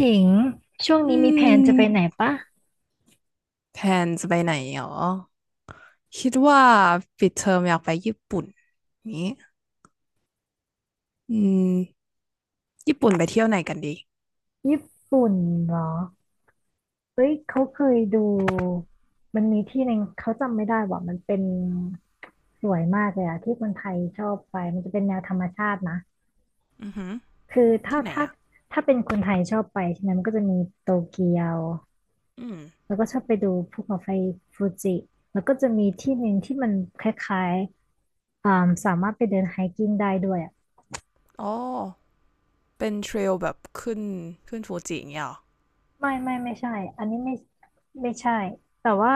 ถิงช่วงอืนี้มีแผนจะไปไหนมปะแพลนจะไปไหนหรอคิดว่าปิดเทอมอยากไปญี่ปุ่นนี้อืมญี่ปุ่นไปเที่ยวไหนกันดีญี่ปุ่นเหรอเฮ้ยเขาเคยดูมันมีที่หนึ่งเขาจำไม่ได้ว่ามันเป็นสวยมากเลยอะที่คนไทยชอบไปมันจะเป็นแนวธรรมชาตินะอือหือคือถ้าที่ไหนถ้าอ่ะถ้าเป็นคนไทยชอบไปใช่ไหมมันก็จะมีโตเกียวอืมแล้วก็ชอบไปดูภูเขาไฟฟูจิแล้วก็จะมีที่หนึ่งที่มันคล้ายๆสามารถไปเดินไฮกิ้งได้ด้วยอะ อ๋อเป็นเทรลแบบขึ้นฟูจิอย่างเงี้ยเหรอไม่ใช่อันนี้ไม่ใช่ แต่ว่า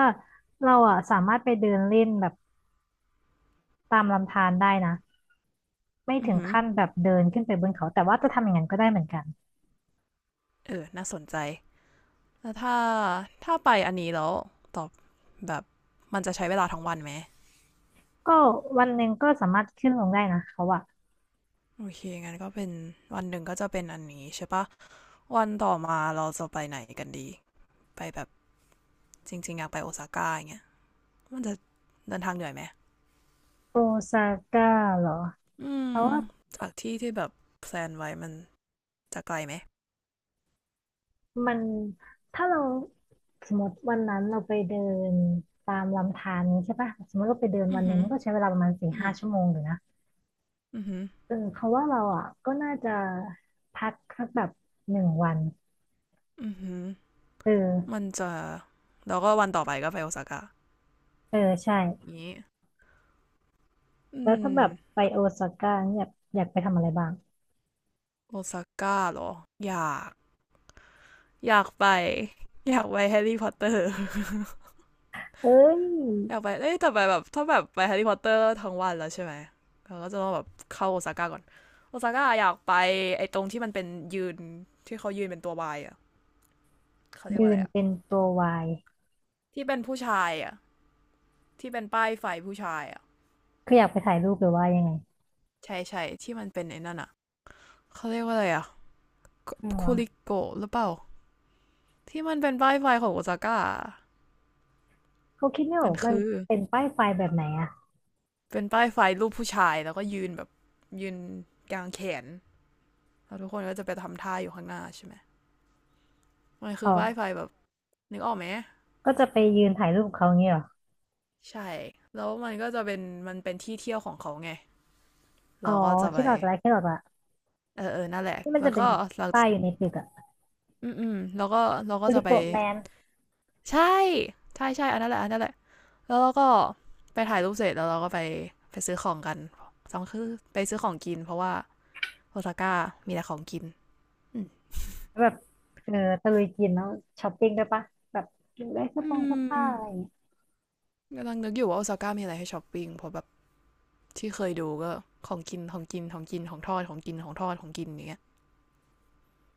เราอ่ะสามารถไปเดินเล่นแบบตามลำธารได้นะไม่อือถึงหือขั้นแบบเดินขึ้นไปบนเขาแต่ว่าจะทำอย่างนั้นก็ได้เหมือนกันเออน่าสนใจแล้วถ้าไปอันนี้แล้วตอบแบบมันจะใช้เวลาทั้งวันไหมก็วันหนึ่งก็สามารถขึ้นลงได้นะเขาอะโอเคงั้นก็เป็นวันหนึ่งก็จะเป็นอันนี้ใช่ปะวันต่อมาเราจะไปไหนกันดีไปแบบจริงๆอยากไปโอซาก้าอย่างเงี้ย มันจะเดินทางเหนื่อยไหมโอซาก้าเหรออืเพมราะว่าจากที่ที่แบบแพลนไว้มันจะไกลไหมมันถ้าเราสมมติวันนั้นเราไปเดินตามลำธารนี้ใช่ปะสมมติเราไปเดินอืวัอนหนึ่หืงอมันก็ใช้เวลาประมาณสี่อืห้ามชั่วโมงอยู่นะอือหือเออเขาะว่าเราอ่ะก็น่าจะพักสักแบบหนึ่งวันอือหือเอมัอ นจะแล้วก็วันต่อไปก็ไปโอซาก้าเออใช่นี้อืแล้วถ้าแบบไปมโอซาก้าเนี่ยอยากไปทำอะไรบ้างโอซาก้าเหรออยากอยากไปอยากไปแฮร์รี่พ อตเตอร์ เอ้ยอยากไปเอ้ยแต่ไปแบบถ้าแบบไปแฮร์รี่พอตเตอร์ทั้งวันแล้วใช่ไหมเราก็จะต้องแบบเข้าโอซาก้าก่อนโอซาก้าอยากไปไอ้ตรงที่มันเป็นยืนที่เขายืนเป็นตัววายอ่ะเขาเรียกยืว่าอะไรนอะ เป็นตัววายที่เป็นผู้ชายอ่ะที่เป็นป้ายไฟผู้ชายอ่ะคืออยากไปถ่ายรูปหรือว่ายังไงใช่ที่มันเป็นไอ้นั่นอ่ะเขาเรียกว่าอะไรอ่ะคูไม่ควะริโกะหรือเปล่าที่มันเป็นป้ายไฟของโอซาก้าเขาคิดไม่อมัอนกมันคือเป็นป้ายไฟแบบไหนอะเป็นป้ายไฟรูปผู้ชายแล้วก็ยืนกลางแขนแล้วทุกคนก็จะไปทำท่าอยู่ข้างหน้าใช่ไหมมันคือ๋ออป้ายไฟแบบนึกออกไหมก็จะไปยืนถ่ายรูปกับเขาอย่างเงี้ยเหรอใช่แล้วมันก็จะเป็นมันเป็นที่เที่ยวของเขาไงอ๋อเราก็จะไปคิดออกละเออเออนั่นแหละที่มันแล้จะวเป็นก็เราป้ายอยู่ในตึกอะอืมแล้วก็เราบก็จะริไปโกะแมนใช่ใช่ใช่อันนั้นแหละอันนั้นแหละ แล้วเราก็ไปถ่ายรูปเสร็จแล้วเราก็ไปไปซื้อของกันสองคือไปซื้อของกินเพราะว่าโอซาก้ามีแต่ของกินอืมแบบเออตะลุยกินแล้วช้อปปิ้งด้วยปะแบบกินได้เสื้อผ้าอะไรอย่างเงี้ยกำลังนึกอยู่ว่าโอซาก้ามีอะไรให้ช้อปปิ้งเพราะแบบที่เคยดูก็ของกินของกินของกินของทอดของกินของทอดของกินอย่างเงี้ย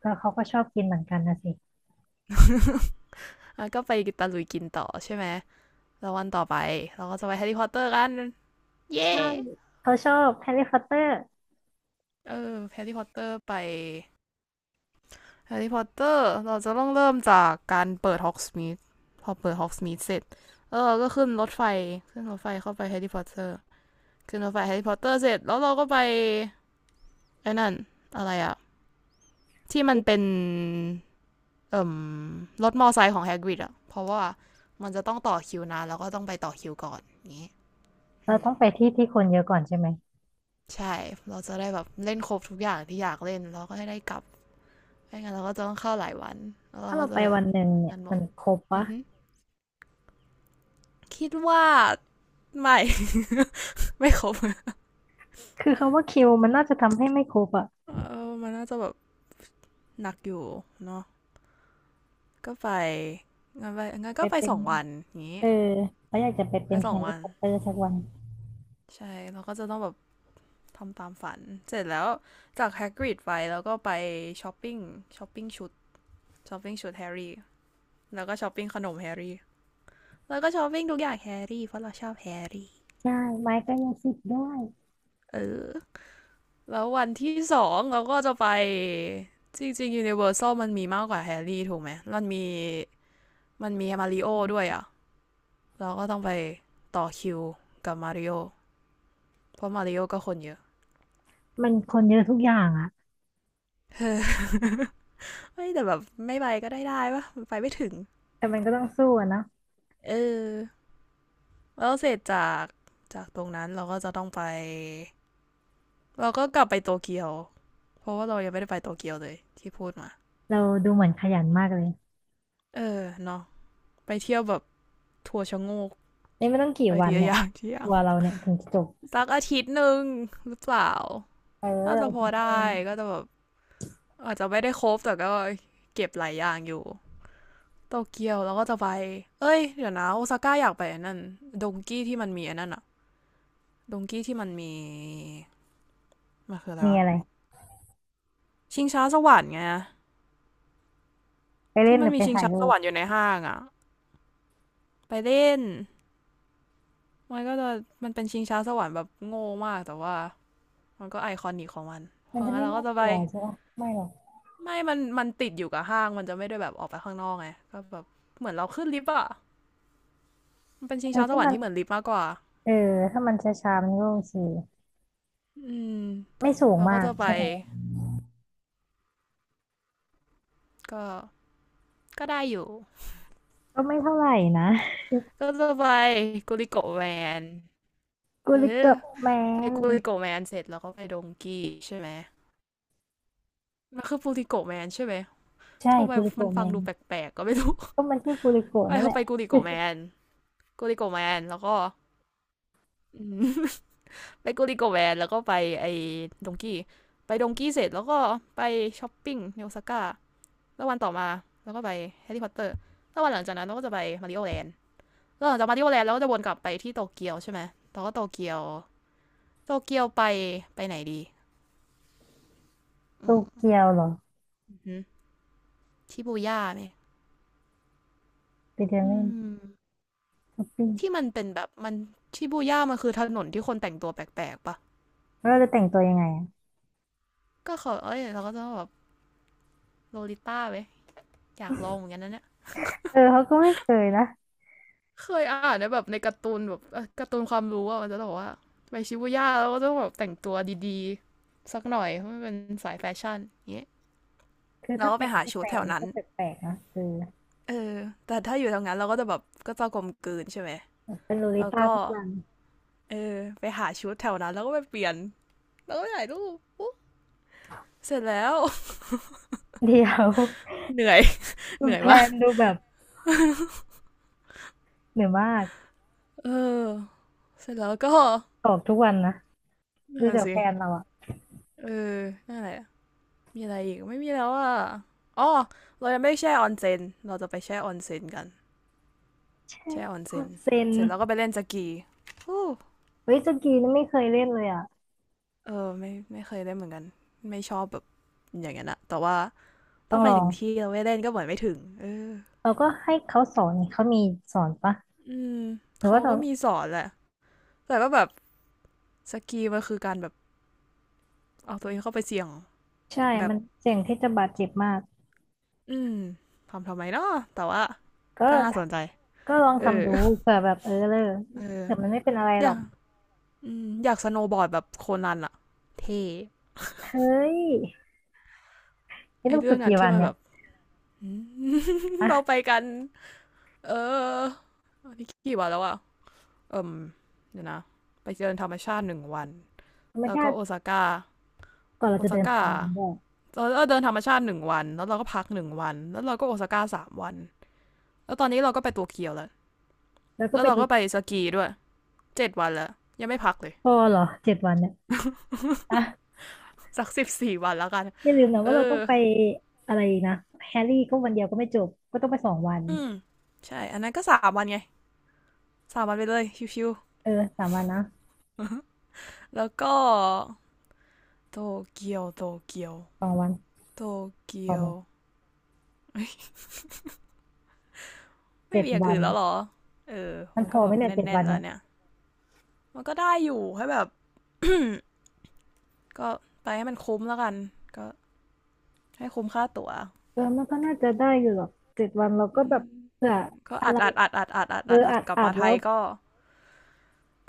ก็เขาก็ชอบกินเหมือนกันนะสิ แล้วก็ไปตะลุยกินต่อใช่ไหมแล้ววันต่อไปเราก็จะไปแฮร์รี่พอตเตอร์กันเย้ ใช่ yeah! เขาชอบแฮร์รี่พอตเตอร์ เออแฮร์รี่พอตเตอร์ไป แฮร์รี่พอตเตอร์เราจะต้องเริ่มจากการเปิดฮอกสมิธพอเปิดฮอกสมิธเสร็จแล้วเออก็ขึ้นรถไฟขึ้นรถไฟเข้าไปแฮร์รี่พอตเตอร์ขึ้นรถไฟแฮร์รี่พอตเตอร์เสร็จแล้วเราก็ไปไอ้นั่นอะไรอะที่มันเป็นรถมอไซค์ของแฮกริดอะเพราะว่ามันจะต้องต่อคิวนานแล้วก็ต้องไปต่อคิวก่อนอย่างงี้เราต้องไปที่ที่คนเยอะก่อนใช่ไหมใช่เราจะได้แบบเล่นครบทุกอย่างที่อยากเล่นแล้วก็ให้ได้กลับไม่งั้นเราก็จะต้องเข้าหลายวันแล้วถ้าเราเราก็ไปจะวันหนึ่งเนี่ยนั่นหมมัดนครบปะ คิดว่าไม่ ไม่ครบคือคำว่าคิวมันน่าจะทำให้ไม่ครบอะเออมันน่าจะแบบหนักอยู่เนาะก็ไปงั้นไปไปเป็สนองวันอย่างนี้เออเขาอยากจะไปไปเป็นสแฮองร์วัรี่นพอตเตอร์สักวันใช่เราก็จะต้องแบบทำตามฝันเสร็จแล้วจากแฮกริดไปแล้วก็ไปช้อปปิ้งช้อปปิ้งช้อปปิ้งชุดแฮร์รี่แล้วก็ช้อปปิ้งขนมแฮร์รี่แล้วก็ช้อปปิ้งทุกอย่างแฮร์รี่เพราะเราชอบแฮร์รี่ใช่ไม้ก็ยังสิบได้เออแล้ววันที่สองเราก็จะไปจริงๆ Universal มันมีมากกว่าแฮร์รี่ถูกไหมมันมีมาริโอด้วยอะ เราก็ต้องไปต่อคิวกับมาริโอเพราะมาริโอก็คนเยอะ มันคนเยอะทุกอย่างอะ ไม่แต่แบบไม่ไปก็ได้ได้ปะไปไม่ถึงแต่มันก็ต้องสู้อะเนาะเออแล้วเสร็จจากตรงนั้นเราก็จะต้องไปเราก็กลับไปโตเกียวเพราะว่าเรายังไม่ได้ไปโตเกียวเลยที่พูดมาเราดูเหมือนขยันมากเลยเออเนาะไปเที่ยวแบบทัวร์ชะโงกนี่ไม่ต้องกี่ไปวัทีนละเนี่อยย่างทีละอทัย่างวร์เราเนี่ยถึงจะจบสักอาทิตย์หนึ่งหรือเปล่าเออน่าจะอาพอทิตย์หนึได้งก็จะแบบอาจจะไม่ได้ครบแต่ก็เก็บหลายอย่างอยู่ โตเกียวแล้วก็จะไป เอ้ยเดี๋ยวนะโอซาก้าอยากไปอันนั่นดงกี้ที่มันมีอันนั้นอะดงกี้ที่มันมีมันคืออะไรมีวะอะไรชิงช้าสวรรค์ไงไปเล่ที่นหมันรือมีไปชิงถ่ายช้าสรูปวรรค์อยู่ในห้างอะไปเล่นมันก็จะมันเป็นชิงช้าสวรรค์แบบโง่มากแต่ว่ามันก็ไอคอนิกของมันเพมันราะจะงั้นไม่เราก็น่าจะกไปลัวใช่ปะไม่หรอกไม่มันติดอยู่กับห้างมันจะไม่ได้แบบออกไปข้างนอกไงก็แบบเหมือนเราขึ้นลิฟต์อะมันเป็นชิงแต่ช้าสถ้าวรรมัค์นที่เหมือนลิฟต์มากกว่าเออถ้ามันช้าๆมันก็โอเคอืมไม่สูงเราก็มากจะไปใช่ไหม ก็ก็ได้อยู่ ก็ไม่เท่าไหร่นะก็จะไปกุลิโกะแวนกูเอริอโกะแมไปนกุลิโกะแวนเสร็จแล้วก็ไปดงกี้ใช่ไหมมันคือกุลิโกะแวนใช่ไหมใช่ทำไมกูริมันโกะแมฟังนดูแปลกๆก็ไม่รู้ก็มันชื่อกูริโกะไปนั่นแหเราละไปกุลิโกะแมนกุลิโกะแมนแล้วก็ ไปกุลิโกะแวนแล้วก็ไปไอ้ดงกี้ไปดงกี้เสร็จแล้วก็ไปช้อปปิ้งในโอซาก้าแล้ววันต่อมาแล้วก็ไปแฮร์รี่พอตเตอร์แล้ววันหลังจากนั้นเราก็จะไปมาริโอแลนด์แล้วหลังจากมาริโอแลนด์เราก็จะวนกลับไปที่โตเกียวใช่ไหมแล้วก็โตเกียวโตเกียวไปไปไหนดี โตอืมเกียวเหรออือชิบูย่าไหมไปเดินอืเล่นมช้อปปิ้งที่มันเป็นแบบมันชิบูย่ามันคือถนนที่คนแต่งตัวแปลกๆปะแล้วเราจะแต่งตัวยังไงอ่ะก็เขาเอ้ยเราก็จะแบบโลลิต้าไหมอยากลองเหมือนกันนะเนี่ยเออเขาก็ไม่เคยนะเคยอ่านในแบบในการ์ตูนแบบการ์ตูนความรู้อะมันจะบอกว่าไปชิบูย่าแล้วก็ต้องแบบแต่งตัวดีๆสักหน่อยเพราะมันเป็นสายแฟชั่นอย่างเงี้ยคือเราถ้าก็ไปแต่งหาที่ไทชุดยแถวมันนั้ก็นแปลกๆนะคือเออแต่ถ้าอยู่แถวนั้นเราก็จะแบบก็จะกลมกลืนใช่ไหมเป็นลูลิแล้วต้าก็ทุกวันเออไปหาชุดแถวนั้นแล้วก็ไปเปลี่ยนแล้วก็ไปถ่ายรูปอู้ เสร็จแล้ว เดี๋ยว เหนื่อยคุเหณนื่อยแพมากนดูแบบเหนื่อยมากเออเสร็จแล้วก็ออกทุกวันนะดูนั่นจากแพสินเราอ่ะเออนั่นแหละมีอะไรอีกไม่มีแล้วอ่ะอ๋อเรายังไม่แช่ออนเซนเราจะไปแช่ออนเซนกันใช่แช่ออนคเซนนเซนเสร็จแล้วก็ไปเล่นสกี้เฮ้ยสกีนี่ไม่เคยเล่นเลยอ่ะเออไม่เคยเล่นเหมือนกันไม่ชอบแบบอย่างนั้นอะแต่ว่าต้อถ้างไปลอถึงงที่เราไม่เล่นก็เหมือนไม่ถึงเออเราก็ให้เขาสอนนี่เขามีสอนปะอืมหรือเขาว่าเรา ก็มีสอนแหละแต่ก็แบบสกีมันคือการแบบเอาตัวเองเข้าไปเสี่ยงใช่แบบ มันเสี่ยงที่จะบาดเจ็บมากอืมทำไมเนาะแต่ว่าก็ก็น่าสนใจก็ลองเออทำดูเผื่อแบบเออเลยเออเผื่อมันไม่เป็นอะไรอหรยาอกกอืมอยากสโนว์บอร์ดแบบโคนันอะเท่เฮ้ยนี่ไอต้องเรื่ฝึอกงนั้กี่นวัที่นมันเนี่แบยบ เราไปอะกันเอออนี่กี่วันแล้วอะเอิมเดี๋ยวนะไปเดินธรรมชาติหนึ่งวันธรรมแล้วชาก็ติโอซาก้าก่อนเราโอจะซาเดินก้าทางด้วยเราเดินธรรมชาติหนึ่งวันแล้วเราก็พักหนึ่งวันแล้วเราก็โอซาก้า 3 วันแล้วตอนนี้เราก็ไปโตัวเกียวแล้วแล้วก็แล้วไปเราดูก็ไปสกีด้วย7 วันแล้วยังไม่พักเลย พอเหรอเจ็ดวันเนี่ยอะสัก14 วันแล้วกันอย่าลืมนะเอว่าเราต้อองไปอะไรนะแฮร์รี่ก็วันเดียวก็ไม่จบก็ต้องไปสองวันอืมใช่อันนั้นก็สามวันไงสามวันไปเลยชิวเออสามวันนะๆแล้วก็โตเกียวโตเกียวสองวันโตพเกีอยไหมว เฮ้ยไม่เจ็ดมีอย่างวัอื่นนแล้วเหรอเออมันมันพก็อแบไหมบเนี่แยเจ็ดน่วันนๆแล้เนี่วยเนี่ยมันก็ได้อยู่ให้แบบก็ไปให้มันคุ้มแล้วกันก็ให้คุ้มค่าตั๋วเออมันก็น่าจะได้อยู่หรอกเจ็ดวันเราอืก็แบบมเผื่อก็อะอัไรดอัดอัดอัดอัดอัดเอออัดอัดอาจกลับอาจมาไทแล้ว ยก็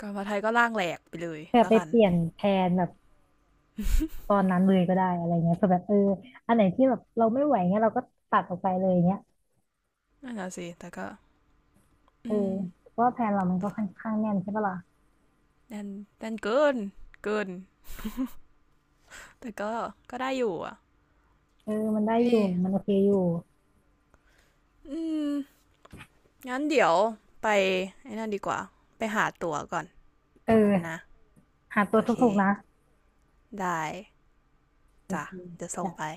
กลับมาไทยก็ร่างแหลกไปเลยเผื่อแล้ไปวกันเปลี่ยนแผนแบบตอนนั้นเลยก็ได้อะไรเงี้ยเผื่อแบบเอออันไหนที่แบบเราไม่ไหวเงี้ยเราก็ตัดออกไปเลยเงี้ยนั่นแหละสิแต่ก็เอออืมเพราะว่าแผนเรามันก็ค่อนข้างแน่นใช่ปะล่ะแน่นแน่นเกินเกิน แต่ก็ก็ได้อยู่อ่ะเออมันได้อยู่ เย่มันโอเคอยู่อืมงั้นเดี๋ยวไปไอ้นั่นดีกว่าไปหาตั๋วก่อนเนะออหาตัวโอเคถูกๆนะได้โอจ้ะเคจะส่งไปจ้ะ